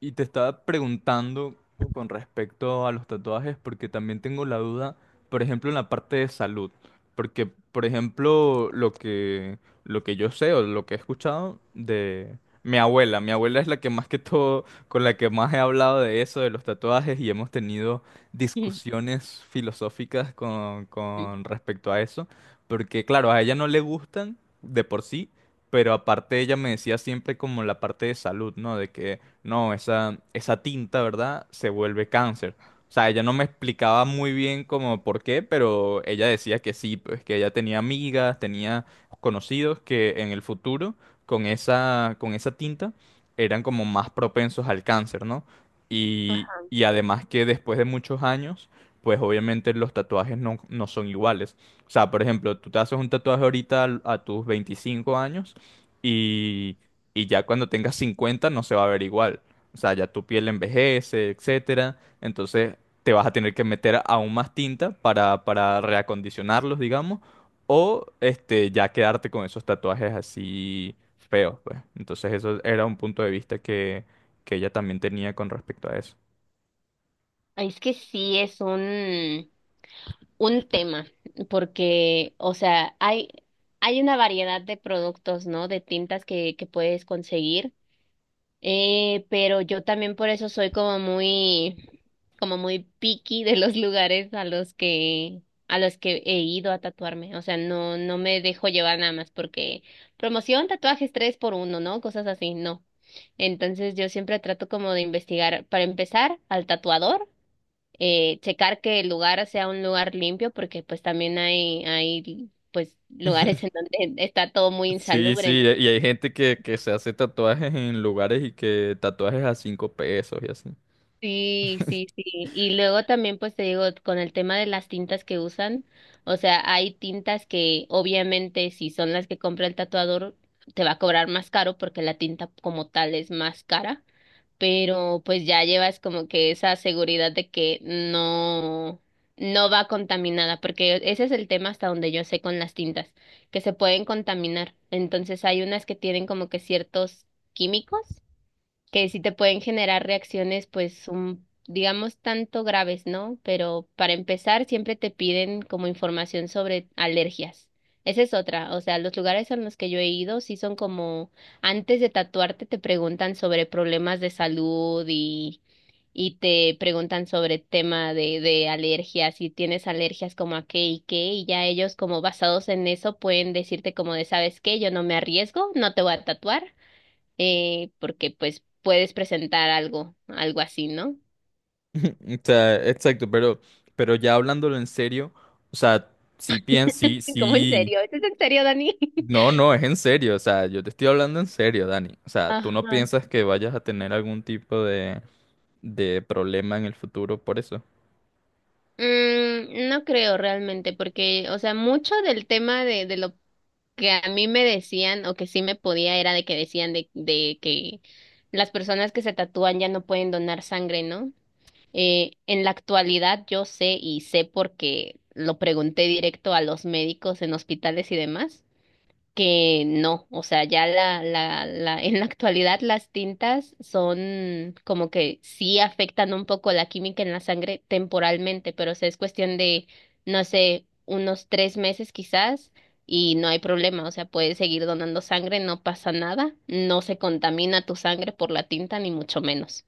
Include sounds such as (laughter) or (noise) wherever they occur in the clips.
Y te estaba preguntando con respecto a los tatuajes, porque también tengo la duda, por ejemplo, en la parte de salud. Porque, por ejemplo, lo que yo sé o lo que he escuchado de mi abuela. Mi abuela es la que más que todo, con la que más he hablado de eso, de los tatuajes, y hemos tenido (laughs) discusiones filosóficas Ujú. con respecto a eso. Porque, claro, a ella no le gustan de por sí, pero aparte ella me decía siempre como la parte de salud, ¿no? De que no, esa tinta, ¿verdad? Se vuelve cáncer. O sea, ella no me explicaba muy bien como por qué, pero ella decía que sí, pues que ella tenía amigas, tenía conocidos que en el futuro con esa tinta eran como más propensos al cáncer, ¿no? Y, Ajá. y además que después de muchos años, pues obviamente los tatuajes no son iguales. O sea, por ejemplo, tú te haces un tatuaje ahorita a tus 25 años y ya cuando tengas 50 no se va a ver igual. O sea, ya tu piel envejece, etcétera. Entonces te vas a tener que meter aún más tinta para reacondicionarlos, digamos, o ya quedarte con esos tatuajes así feos, pues. Entonces eso era un punto de vista que ella también tenía con respecto a eso. Es que sí es un tema, porque, o sea, hay una variedad de productos, ¿no? De tintas que puedes conseguir. Pero yo también por eso soy como como muy picky de los lugares a los a los que he ido a tatuarme. O sea, no me dejo llevar nada más porque promoción, tatuajes 3 por uno, ¿no? Cosas así, no. Entonces yo siempre trato como de investigar, para empezar, al tatuador, checar que el lugar sea un lugar limpio, porque pues también hay pues lugares (laughs) en (laughs) donde está todo muy Sí, insalubre, sí, ¿no? y hay gente que se hace tatuajes en lugares y que tatuajes a 5 pesos y así. Sí, sí, sí. Y luego también, pues te digo, con el tema de las tintas que usan, o sea, hay tintas que obviamente si son las que compra el tatuador, te va a cobrar más caro porque la tinta como tal es más cara, pero pues ya llevas como que esa seguridad de que no, no va contaminada, porque ese es el tema hasta donde yo sé con las tintas, que se pueden contaminar. Entonces hay unas que tienen como que ciertos químicos que sí te pueden generar reacciones, pues, un, digamos, tanto graves, ¿no? Pero para empezar, siempre te piden como información sobre alergias. Esa es otra, o sea, los lugares en los que yo he ido sí son como, antes de tatuarte te preguntan sobre problemas de salud y te preguntan sobre tema de alergias, si tienes alergias como a qué y qué, y ya ellos como basados en eso pueden decirte como de, ¿sabes qué? Yo no me arriesgo, no te voy a tatuar, porque pues puedes presentar algo, algo así, ¿no? (laughs) O sea, exacto, pero ya hablándolo en serio, o sea, sí piensas, sí, (laughs) ¿Cómo en sí, serio? ¿Esto es en serio, Dani? no, (laughs) no, es en serio. O sea, yo te estoy hablando en serio, Dani. O sea, tú no Ajá. piensas que vayas a tener algún tipo de problema en el futuro por eso. Mm, no creo realmente, porque, o sea, mucho del tema de lo que a mí me decían o que sí me podía era de que decían de que las personas que se tatúan ya no pueden donar sangre, ¿no? En la actualidad yo sé y sé porque lo pregunté directo a los médicos en hospitales y demás. Que no, o sea, ya la, en la actualidad las tintas son como que sí afectan un poco la química en la sangre temporalmente, pero o sea, es cuestión de, no sé, unos 3 meses quizás y no hay problema, o sea, puedes seguir donando sangre, no pasa nada, no se contamina tu sangre por la tinta ni mucho menos.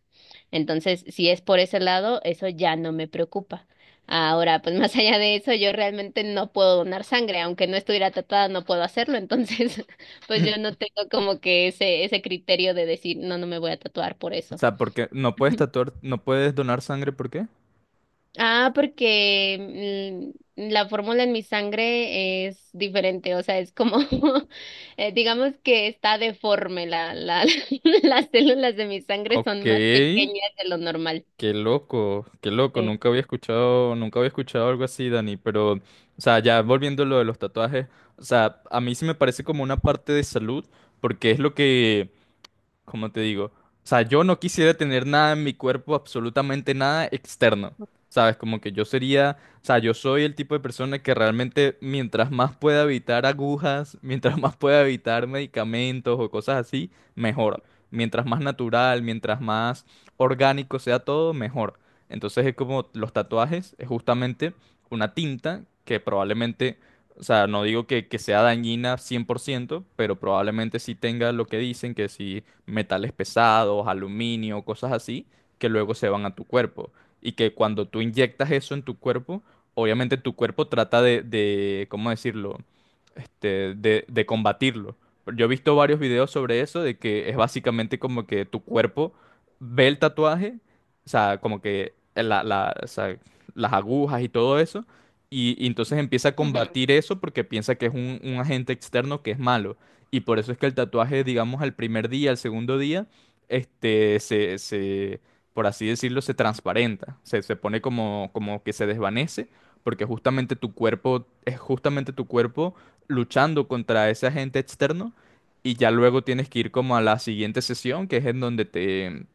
Entonces, si es por ese lado, eso ya no me preocupa. Ahora, pues (laughs) más allá de eso, yo realmente no puedo donar sangre, aunque no estuviera tratada, no puedo hacerlo. Entonces, (laughs) pues yo no (laughs) tengo como que ese criterio de decir, no, no me voy a tatuar por O eso. sea, porque no puedes (laughs) tatuar, no puedes donar sangre, ¿por qué? Ah, porque mm, la fórmula en mi sangre es diferente, o sea, es como, (laughs) digamos que está deforme, (laughs) las células de mi sangre Ok. son más pequeñas de lo normal. Qué loco, Sí. nunca había escuchado, nunca había escuchado algo así, Dani, pero, o sea, ya volviendo a lo de los tatuajes, o sea, a mí sí me parece como una parte de salud, porque es lo que, como te digo, o sea, yo no quisiera tener nada en mi cuerpo, absolutamente nada externo, ¿sabes? Como que yo sería, o sea, yo soy el tipo de persona que realmente mientras más pueda evitar agujas, (laughs) mientras más pueda evitar medicamentos o cosas así, mejor. Mientras más natural, mientras más orgánico sea todo, mejor. Entonces es como los tatuajes, es justamente una tinta que probablemente... O sea, no digo que sea dañina 100 por ciento, pero probablemente sí tenga lo que dicen, que sí metales pesados, aluminio, cosas así, que luego se van a tu cuerpo. Y que cuando tú inyectas eso en tu cuerpo, obviamente tu cuerpo trata de ¿cómo decirlo? De combatirlo. Yo he visto varios videos sobre eso, de que es básicamente como que tu cuerpo ve el tatuaje, o sea, como que o sea, las agujas y todo eso, y entonces empieza a Ujú. combatir eso porque piensa que es un agente externo que es malo. Y por eso es que el tatuaje, digamos, al primer día, al segundo día, se, por así decirlo, se transparenta. Se pone como, como que se desvanece, porque justamente tu cuerpo, es justamente tu cuerpo luchando contra ese agente externo. Y ya luego tienes que ir como a la siguiente sesión, que es en donde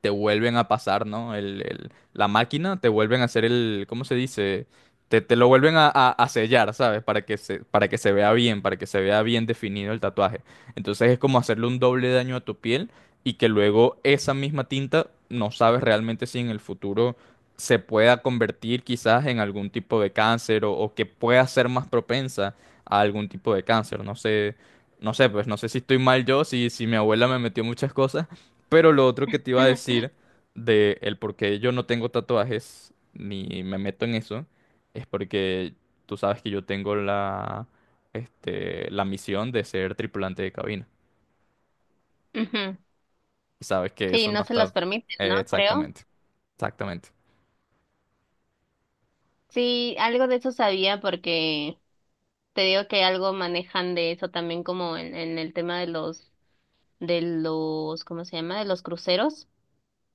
te vuelven a pasar, ¿no? La máquina, te vuelven a hacer el, ¿cómo se dice? Te lo vuelven a, a sellar, ¿sabes? Para que se vea bien, para que se vea bien definido el tatuaje. Entonces es como hacerle un doble daño a tu piel y que luego esa misma tinta, no sabes realmente si en el futuro se pueda convertir quizás en algún tipo de cáncer o que pueda ser más propensa a algún tipo de cáncer. No sé, no sé, pues no sé si estoy mal yo, si mi abuela me metió muchas cosas, pero lo otro que te iba a (laughs) decir de el por qué yo no tengo tatuajes ni me meto en eso es porque tú sabes que yo tengo la misión de ser tripulante de cabina. Ujú. Y sabes que Sí, eso no no se está... los permiten, ¿no? Creo. exactamente, exactamente. Sí, algo de eso sabía porque te digo que algo manejan de eso también como en el tema de los, ¿cómo se llama? De los cruceros.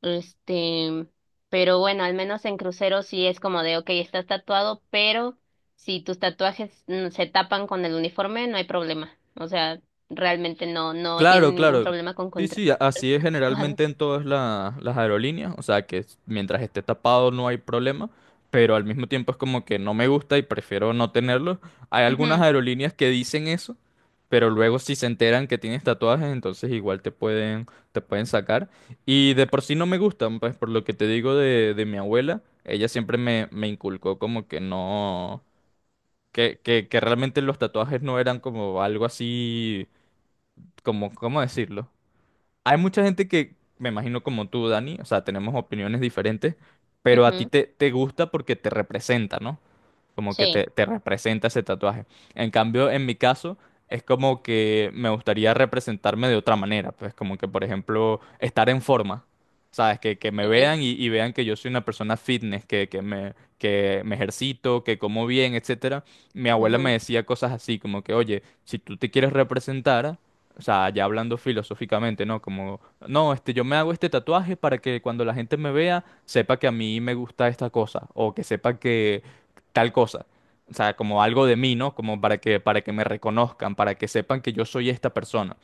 Este, pero bueno, al menos en cruceros sí es como de, ok, estás tatuado, pero si tus tatuajes mm, se tapan con el uniforme, no hay problema. O sea, realmente no, no tienen Claro, ningún claro. problema con Sí, sí, así es contratatuados. generalmente en todas las aerolíneas. O sea, que mientras esté tapado no hay problema, pero al mismo tiempo es como que no me gusta y prefiero no tenerlo. Hay algunas Ujú, aerolíneas que dicen eso, pero luego si se enteran que tienes tatuajes, entonces igual te pueden sacar. Y de por sí no me gustan, pues por lo que te digo de mi abuela. Ella siempre me inculcó como que no, que realmente los tatuajes no eran como algo así, como, ¿cómo decirlo? Hay mucha gente que, me imagino como tú, Dani, o sea, tenemos opiniones diferentes, pero a ti ujú, te gusta porque te representa, ¿no? Como que sí. te representa ese tatuaje. En cambio, en mi caso, es como que me gustaría representarme de otra manera, pues como que, por ejemplo, estar en forma, ¿sabes? Que me Ok, vean y vean que yo soy una persona fitness, que me ejercito, que como bien, etcétera. Mi abuela ujú. me decía cosas así, como que, oye, si tú te quieres representar... O sea, ya hablando filosóficamente, ¿no? Como, no, este, yo me hago este tatuaje para que cuando la gente me vea, sepa que a mí me gusta esta cosa, o que sepa que, tal cosa. O sea, como algo de mí, ¿no? Como para que me reconozcan, para que sepan que yo soy esta persona.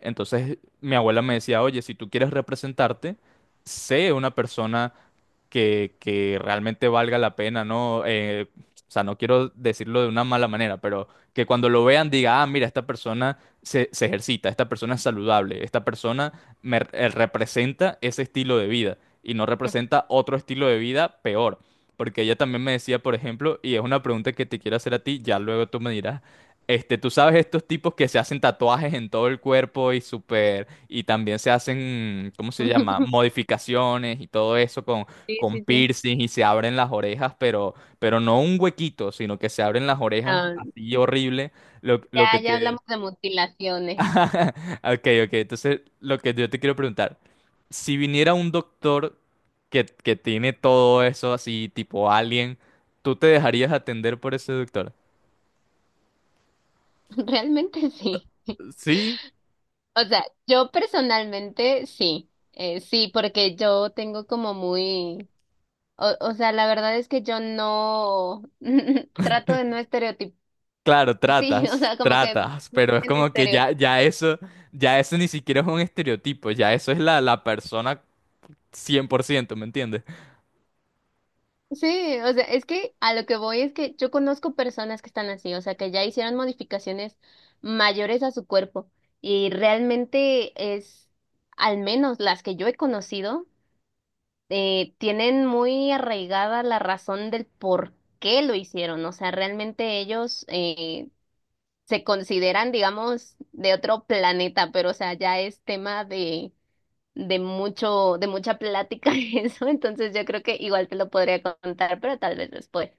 Entonces, mi abuela me decía, oye, si tú quieres representarte, sé una persona que realmente valga la pena, ¿no? O sea, no quiero decirlo de una mala manera, pero que cuando lo vean diga, ah, mira, esta persona se ejercita, esta persona es saludable, esta persona representa ese estilo de vida y no representa otro estilo de vida peor. Porque ella también me decía, por ejemplo, y es una pregunta que te quiero hacer a ti, ya luego tú me dirás, este, tú sabes estos tipos que se hacen tatuajes en todo el cuerpo y súper, y también se hacen, ¿cómo se llama? (laughs) Modificaciones y todo eso Sí, con sí, sí. piercing y se abren las orejas, pero no un huequito, sino que se abren las orejas Ah, así horrible. Ya, Lo que te... ya hablamos de mutilaciones. (laughs) Ok, ok, entonces lo que yo te quiero preguntar, si viniera un doctor que tiene todo eso así, tipo alien, ¿tú te dejarías atender por ese doctor? (laughs) Realmente sí. Sí, O sea, yo personalmente sí. Sí, porque yo tengo como muy... O sea, la verdad es que yo no... (laughs) Trato de no estereotipar. claro, Sí, (laughs) o tratas, sea, como que... tratas, pero es En como que estereotipos. ya, ya eso ni siquiera es un estereotipo, ya eso es la persona 100 por ciento, ¿me entiendes? Sí, o sea, es que a lo que voy es que yo conozco personas que están así, o sea, que ya hicieron modificaciones mayores a su cuerpo y realmente es, al menos las que yo he conocido, tienen muy arraigada la razón del por qué lo hicieron. O sea, realmente ellos se consideran, digamos, de otro planeta, pero o sea, ya es tema de mucho, de mucha plática (laughs) eso. Entonces yo creo que igual te lo podría contar, pero tal vez después.